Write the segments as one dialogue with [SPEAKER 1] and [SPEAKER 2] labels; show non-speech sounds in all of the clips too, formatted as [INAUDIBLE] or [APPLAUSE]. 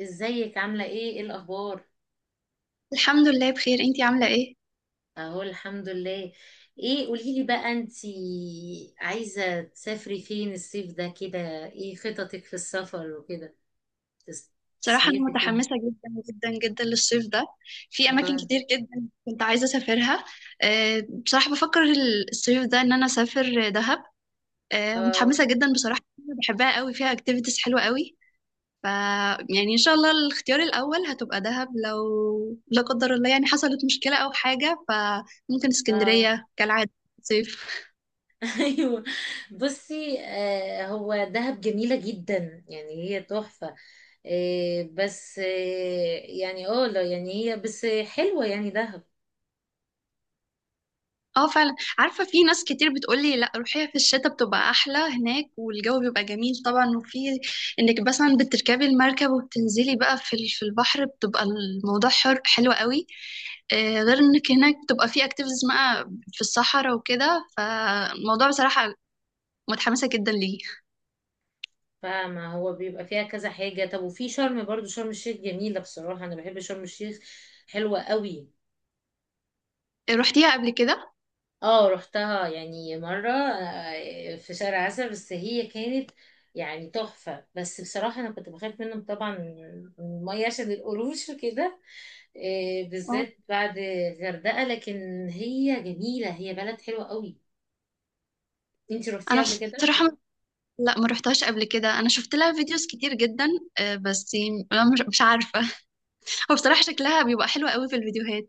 [SPEAKER 1] ازيك؟ عاملة ايه؟ ايه الأخبار؟
[SPEAKER 2] الحمد لله بخير، انتي عاملة ايه؟
[SPEAKER 1] اهو الحمد لله. ايه قوليلي بقى، انتي عايزة تسافري فين الصيف ده كده؟ ايه خططك في السفر وكده؟ تس-
[SPEAKER 2] بصراحة أنا
[SPEAKER 1] تصيفي فين؟
[SPEAKER 2] متحمسة جدا جدا جدا للصيف ده. في أماكن
[SPEAKER 1] اه.
[SPEAKER 2] كتير جدا كنت عايزة أسافرها. بصراحة بفكر الصيف ده إن أنا أسافر دهب. متحمسة
[SPEAKER 1] اه.
[SPEAKER 2] جدا بصراحة، بحبها قوي، فيها اكتيفيتيز حلوة قوي. ف يعني إن شاء الله الاختيار الأول هتبقى دهب، لو لا قدر الله يعني حصلت مشكلة أو حاجة فممكن
[SPEAKER 1] اه.
[SPEAKER 2] اسكندرية كالعادة صيف.
[SPEAKER 1] [LAUGHS] ايوه. بصي، هو دهب جميلة جدا، يعني هي تحفة. آه بس آه يعني لا، يعني هي بس حلوة يعني دهب.
[SPEAKER 2] اه فعلا عارفة، في ناس كتير بتقولي لا روحيها في الشتاء بتبقى أحلى هناك، والجو بيبقى جميل طبعا، وفي انك مثلا بتركبي المركب وبتنزلي بقى في البحر بتبقى الموضوع حر حلو قوي. غير انك هناك بتبقى في اكتيفيتيز بقى في الصحراء وكده، فالموضوع بصراحة متحمسة جدا ليه.
[SPEAKER 1] فما هو بيبقى فيها كذا حاجة. طب وفي شرم برضو، شرم الشيخ جميلة، بصراحة أنا بحب شرم الشيخ، حلوة قوي.
[SPEAKER 2] روحتيها قبل كده؟
[SPEAKER 1] اه رحتها يعني مرة في شهر عسل، بس هي كانت يعني تحفة. بس بصراحة أنا كنت بخاف منهم طبعا، من المية عشان القروش وكده،
[SPEAKER 2] اه
[SPEAKER 1] بالذات بعد الغردقة. لكن هي جميلة، هي بلد حلوة قوي. انتي
[SPEAKER 2] انا
[SPEAKER 1] روحتيها قبل كده؟
[SPEAKER 2] بصراحة لا، ما روحتهاش قبل كده، انا شفت لها فيديوز كتير جدا. بس مش عارفة. [LAUGHS] هو بصراحة شكلها بيبقى حلو قوي في الفيديوهات.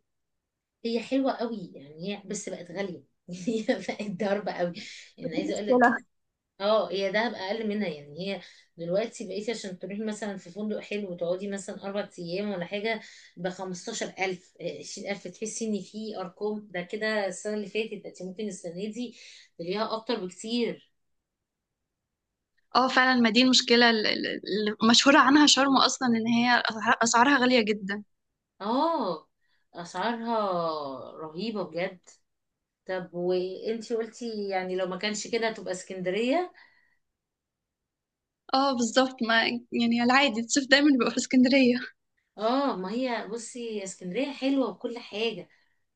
[SPEAKER 1] هي حلوة قوي، يعني هي بس بقت غالية. [LAUGHS] هي بقت ضربة قوي، يعني
[SPEAKER 2] دي
[SPEAKER 1] عايزة اقول
[SPEAKER 2] مشكلة.
[SPEAKER 1] لك. اه، هي دهب اقل منها، يعني هي دلوقتي بقيتي عشان تروحي مثلا في فندق حلو وتقعدي مثلا اربع ايام ولا حاجه ب 15000 20000. تحسي ان في ارقام ده كده السنه اللي فاتت، ده انت ممكن السنه دي تلاقيها اكتر بكتير.
[SPEAKER 2] اه فعلا، ما دي المشكلة المشهورة عنها شرم أصلا، إن هي أسعارها غالية جدا.
[SPEAKER 1] اه، اسعارها رهيبه بجد. طب وانتي قلتي يعني لو ما كانش كده هتبقى اسكندريه.
[SPEAKER 2] اه بالظبط، ما يعني العادي الصيف دايما بيبقى في اسكندرية.
[SPEAKER 1] اه، ما هي بصي اسكندريه حلوه وكل حاجه،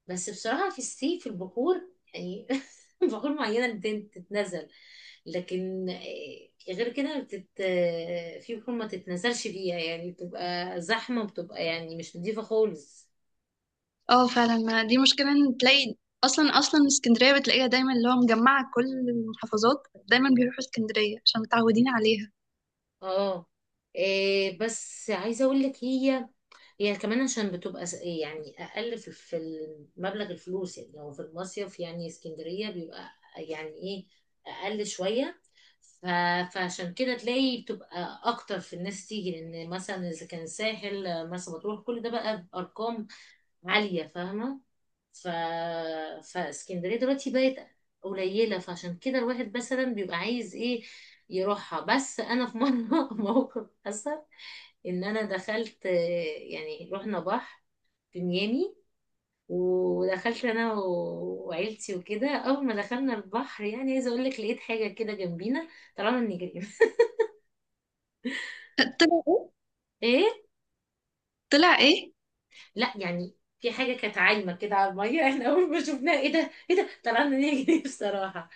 [SPEAKER 1] بس بصراحة في الصيف في البحور، يعني [LAUGHS] بحور معينة تتنزل، لكن غير كده بتت... آه، في بحور ما تتنزلش فيها، يعني بتبقى زحمة، بتبقى يعني مش نضيفة خالص.
[SPEAKER 2] اه فعلا ما دي مشكلة إن تلاقي أصلا، أصلا اسكندرية بتلاقيها دايما اللي هو مجمعة كل المحافظات دايما بيروحوا اسكندرية عشان متعودين عليها.
[SPEAKER 1] اه. إيه بس عايزه اقول لك، هي هي كمان عشان يعني اقل في مبلغ الفلوس. يعني لو في المصيف يعني اسكندريه بيبقى يعني ايه، اقل شويه. ف- فعشان كده تلاقي بتبقى اكتر في الناس تيجي، لان مثلا اذا كان ساحل، مرسى مطروح، كل ده بقى بارقام عالية، فاهمة؟ ف... فاسكندرية دلوقتي بقت قليلة، فعشان كده الواحد مثلا بيبقى عايز ايه، يروحها. بس انا في مرة [LAUGHS] موقف حصل، ان انا دخلت يعني رحنا بحر في ميامي، ودخلت انا وعيلتي وكده. اول ما دخلنا البحر، يعني عايزه اقول لك لقيت حاجه كده جنبينا، طلعنا نجري.
[SPEAKER 2] طلع ايه؟
[SPEAKER 1] [LAUGHS] ايه،
[SPEAKER 2] طلع ايه؟
[SPEAKER 1] لا يعني في حاجة كانت عايمة كده على المية. [LAUGHS] احنا أول ما شفناها، ايه ده ايه ده، طلعنا نجري. [LAUGHS] بصراحة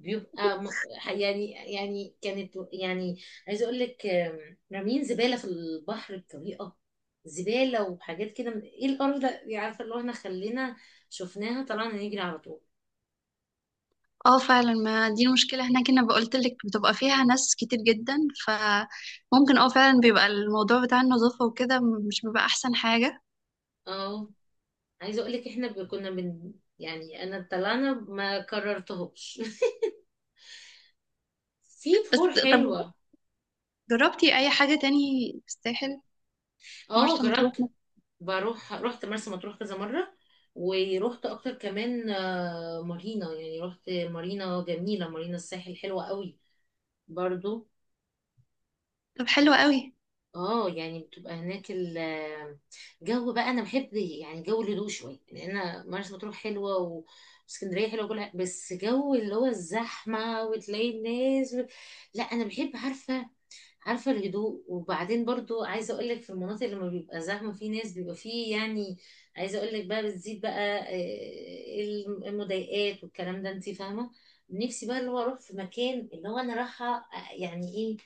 [SPEAKER 1] بيبقى م... يعني كانت يعني عايزة أقول لك رامين زبالة في البحر بطريقة، زبالة وحاجات كده ايه القرف ده يعني، عارفة؟ اللي هو احنا خلينا شفناها طلعنا نجري على طول.
[SPEAKER 2] اه فعلا ما دي المشكلة هناك، انا بقولت لك بتبقى فيها ناس كتير جدا، فممكن اه فعلا بيبقى الموضوع بتاع النظافة وكده مش بيبقى احسن حاجة.
[SPEAKER 1] اه، عايزة أقول لك احنا كنا يعني أنا طلعنا ما كررتهوش. [LAUGHS] في
[SPEAKER 2] بس
[SPEAKER 1] بحور
[SPEAKER 2] طب
[SPEAKER 1] حلوة.
[SPEAKER 2] جربتي اي حاجة تاني في الساحل؟
[SPEAKER 1] اه
[SPEAKER 2] مرسى مطروح؟
[SPEAKER 1] جربت، رحت مرسى مطروح كذا مرة. ورحت أكتر كمان مارينا، يعني رحت مارينا، جميلة مارينا، الساحل حلوة قوي برضو.
[SPEAKER 2] طب حلو قوي.
[SPEAKER 1] اه يعني بتبقى هناك الجو، بقى انا بحب يعني جو الهدوء شويه، يعني انا مرسى مطروح حلوه، واسكندريه حلوه وكل حاجة، بس جو اللي هو الزحمه وتلاقي الناس لا انا بحب عارفة الهدوء. وبعدين برضو عايزة اقولك في المناطق اللي ما بيبقى زحمة، في ناس بيبقى فيه يعني، عايزة اقولك بقى بتزيد بقى المضايقات والكلام ده، انتي فاهمة. نفسي بقى اللي هو اروح في مكان اللي هو انا رايحة، يعني ايه،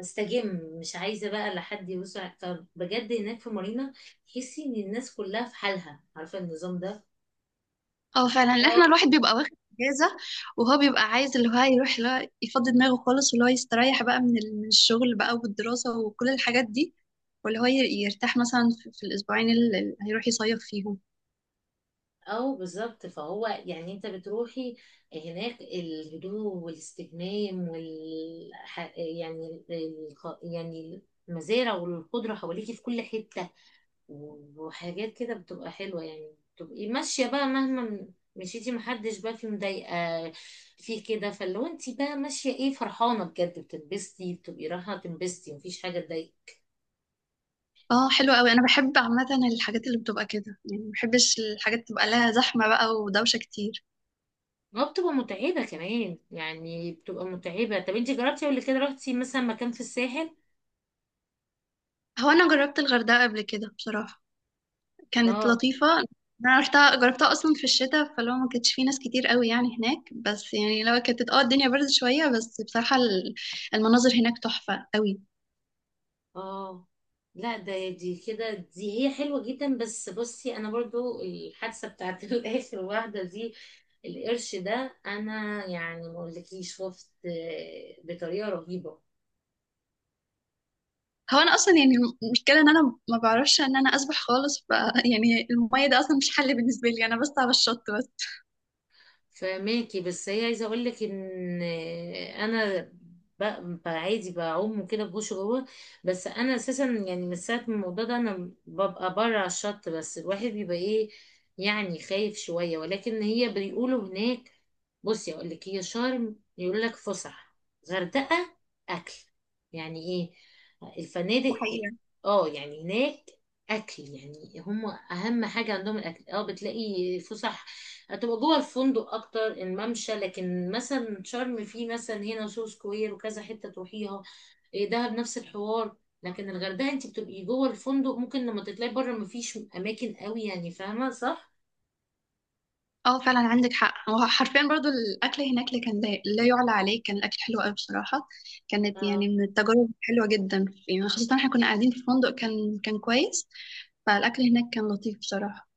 [SPEAKER 1] استجم، مش عايزة بقى لا حد فبجد هناك في مارينا تحسي ان الناس كلها في حالها، عارفة النظام
[SPEAKER 2] اه فعلا، لأن احنا
[SPEAKER 1] ده.
[SPEAKER 2] الواحد بيبقى واخد اجازة وهو بيبقى عايز اللي هو يروح اللي هو يفضي دماغه خالص واللي هو يستريح بقى من الشغل بقى والدراسة وكل الحاجات دي، واللي هو ي- يرتاح مثلا في الأسبوعين اللي هيروح يصيف فيهم.
[SPEAKER 1] او بالظبط، فهو يعني انت بتروحي هناك الهدوء والاستجمام، وال ح- يعني الخ- يعني المزارع والخضرة حواليكي في كل حتة وحاجات كده، بتبقى حلوة، يعني بتبقي ماشية بقى مهما مشيتي، محدش بقى في مضايقة في كده. فلو انت بقى ماشية ايه، فرحانة بجد، بتنبسطي، بتبقي رايحة تنبسطي، مفيش حاجة تضايقك.
[SPEAKER 2] اه حلو قوي، انا بحب عامة الحاجات اللي بتبقى كده، يعني ما بحبش الحاجات تبقى لها زحمة بقى ودوشة كتير.
[SPEAKER 1] اه بتبقى متعبة كمان، يعني بتبقى متعبة. طب انت جربتي قبل كده، رحتي مثلا مكان في الساحل؟
[SPEAKER 2] هو انا جربت الغردقة قبل كده بصراحة، كانت
[SPEAKER 1] اه.
[SPEAKER 2] لطيفة. انا رحتها، جربتها اصلا في الشتاء، فلو ما كانتش في ناس كتير قوي يعني هناك، بس يعني لو كانت اه الدنيا برد شوية، بس بصراحة المناظر هناك تحفة قوي.
[SPEAKER 1] اه، لا ده دي كده، دي هي حلوة جدا. بس بصي انا برضو الحادثة بتاعت [LAUGHS] الاخر واحدة دي، القرش ده، انا يعني ما اقولكيش خفت بطريقة رهيبة.
[SPEAKER 2] هو انا اصلا يعني المشكلة ان انا ما بعرفش ان انا اسبح خالص، يعني المية ده اصلا مش حل بالنسبة لي انا، بس على الشط بس.
[SPEAKER 1] فماكي، بس هي عايزه اقول لك ان انا ب- عادي بعوم وكده بخش جوه، بس انا اساسا يعني من ساعه ما الموضوع ده، انا ببقى بره على الشط بس، الواحد بيبقى ايه، يعني خايف شويه. ولكن هي بيقولوا هناك، بصي اقول لك، هي شرم يقول لك فسح، غردقه اكل، يعني ايه،
[SPEAKER 2] ده
[SPEAKER 1] الفنادق.
[SPEAKER 2] حقيقة.
[SPEAKER 1] اه يعني هناك اكل، يعني هم اهم حاجه عندهم الاكل. اه بتلاقي فسح هتبقى جوه الفندق اكتر، الممشى. لكن مثلا شرم فيه مثلا هنا سو سكوير وكذا حته تروحيها. إيه دهب نفس الحوار. لكن الغردقه انت بتبقي جوه الفندق، ممكن لما تطلعي بره مفيش اماكن قوي، يعني فاهمه صح.
[SPEAKER 2] اه فعلا عندك حق، هو حرفيا برضو الاكل هناك اللي كان لا لا يعلى عليه، كان الاكل حلو قوي بصراحة. كانت
[SPEAKER 1] اه
[SPEAKER 2] يعني من التجارب حلوة جدا، يعني خاصة احنا كنا قاعدين في فندق كان كويس، فالاكل هناك كان لطيف بصراحه.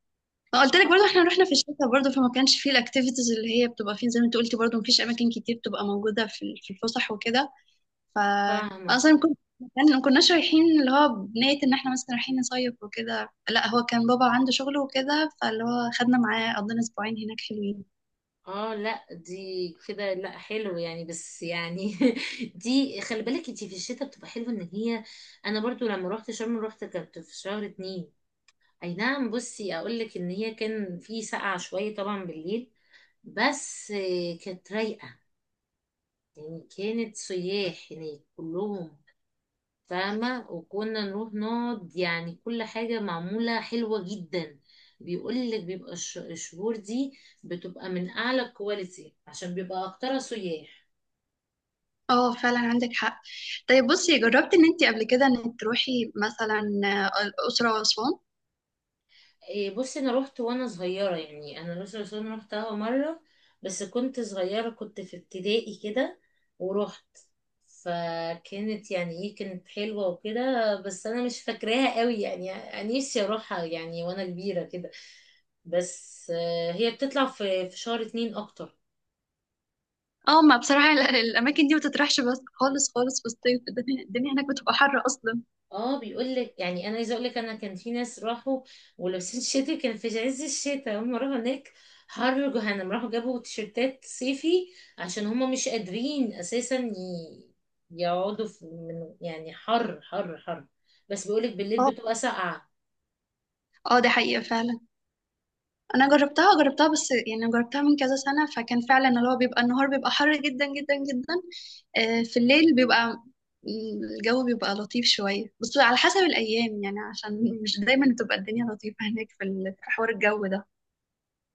[SPEAKER 2] قلت لك برضه احنا رحنا في الشتاء برضه، فما كانش فيه الاكتيفيتيز اللي هي بتبقى فين، زي ما انت قلتي برضه مفيش اماكن كتير بتبقى موجوده في الفسح وكده. ف
[SPEAKER 1] فاهمه.
[SPEAKER 2] اصلا كنت يعني ما كناش رايحين اللي هو بنية ان احنا مثلا رايحين نصيف وكده، لا هو كان بابا عنده شغل وكده، فاللي هو خدنا معاه قضينا اسبوعين هناك حلوين.
[SPEAKER 1] اه، لا دي كده لا حلو يعني، بس يعني [LAUGHS] دي خلي بالك انت في الشتاء بتبقى حلوه، ان هي انا برضو لما روحت شرم، روحت كانت في شهر اتنين، اي نعم. بصي اقول لك ان هي كان في سقعه شويه طبعا بالليل، بس كانت رايقة. يعني كانت سياح هناك كلهم، فاهمة؟ وكنا نروح نقعد، يعني كل حاجة معمولة حلوة جدا. بيقولك بيبقى الشهور دي بتبقى من أعلى الكواليتي، عشان بيبقى أكترها سياح.
[SPEAKER 2] اه فعلا عندك حق. طيب بصي، جربتي ان انت قبل كده ان تروحي مثلا الاسره واسوان؟
[SPEAKER 1] إيه، بصي انا روحت وانا صغيره، يعني انا الأقصر وأسوان روحتها مره، بس كنت صغيره، كنت في ابتدائي كده ورحت. فكانت يعني ايه، كانت حلوه وكده، بس انا مش فاكراها قوي. يعني أنا نفسي اروحها يعني وانا كبيره كده، بس هي بتطلع في شهر اتنين اكتر.
[SPEAKER 2] اه، ما بصراحة الأماكن دي ما تطرحش بس خالص خالص في الصيف، الدنيا، الدنيا هناك بتبقى حر أصلا.
[SPEAKER 1] اه، بيقول لك يعني، انا عايزه اقول لك انا كان في ناس راحوا ولابسين شتوي، كان في عز الشتاء هم راحوا هناك، حر جهنم، راحوا جابوا تيشرتات صيفي، عشان هم مش قادرين اساسا يقعدوا في، من يعني حر حر حر. بس بيقول لك بالليل
[SPEAKER 2] اه.
[SPEAKER 1] بتبقى ساقعه.
[SPEAKER 2] اه دي حقيقة فعلا. أنا جربتها بس يعني جربتها من كذا سنة، فكان فعلا اللي هو بيبقى النهار بيبقى حر جدا جدا جدا. في الليل بيبقى الجو بيبقى لطيف شوية، بس على حسب الأيام يعني، عشان مش دايما بتبقى الدنيا لطيفة هناك في حوار الجو ده.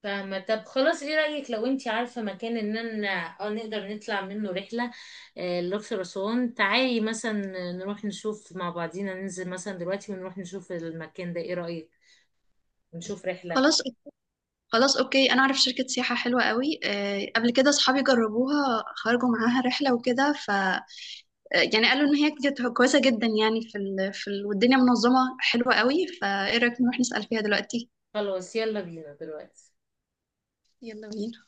[SPEAKER 1] فاهمه. طب خلاص، ايه رايك لو انتي عارفه مكان ان انا اه نقدر نطلع منه رحله، الاقصر اسوان، تعالي مثلا نروح نشوف مع بعضينا، ننزل مثلا دلوقتي ونروح نشوف المكان ده. ايه رايك، نشوف رحلة؟
[SPEAKER 2] خلاص، خلاص أوكي، أنا أعرف شركة سياحة حلوة قوي، قبل كده أصحابي جربوها خرجوا معاها رحلة وكده، يعني قالوا ان هي كانت كويسه جدا، يعني في والدنيا منظمه حلوه قوي، فايه رايك نروح نسال فيها دلوقتي؟
[SPEAKER 1] خلاص يلا بينا دلوقتي.
[SPEAKER 2] يلا بينا.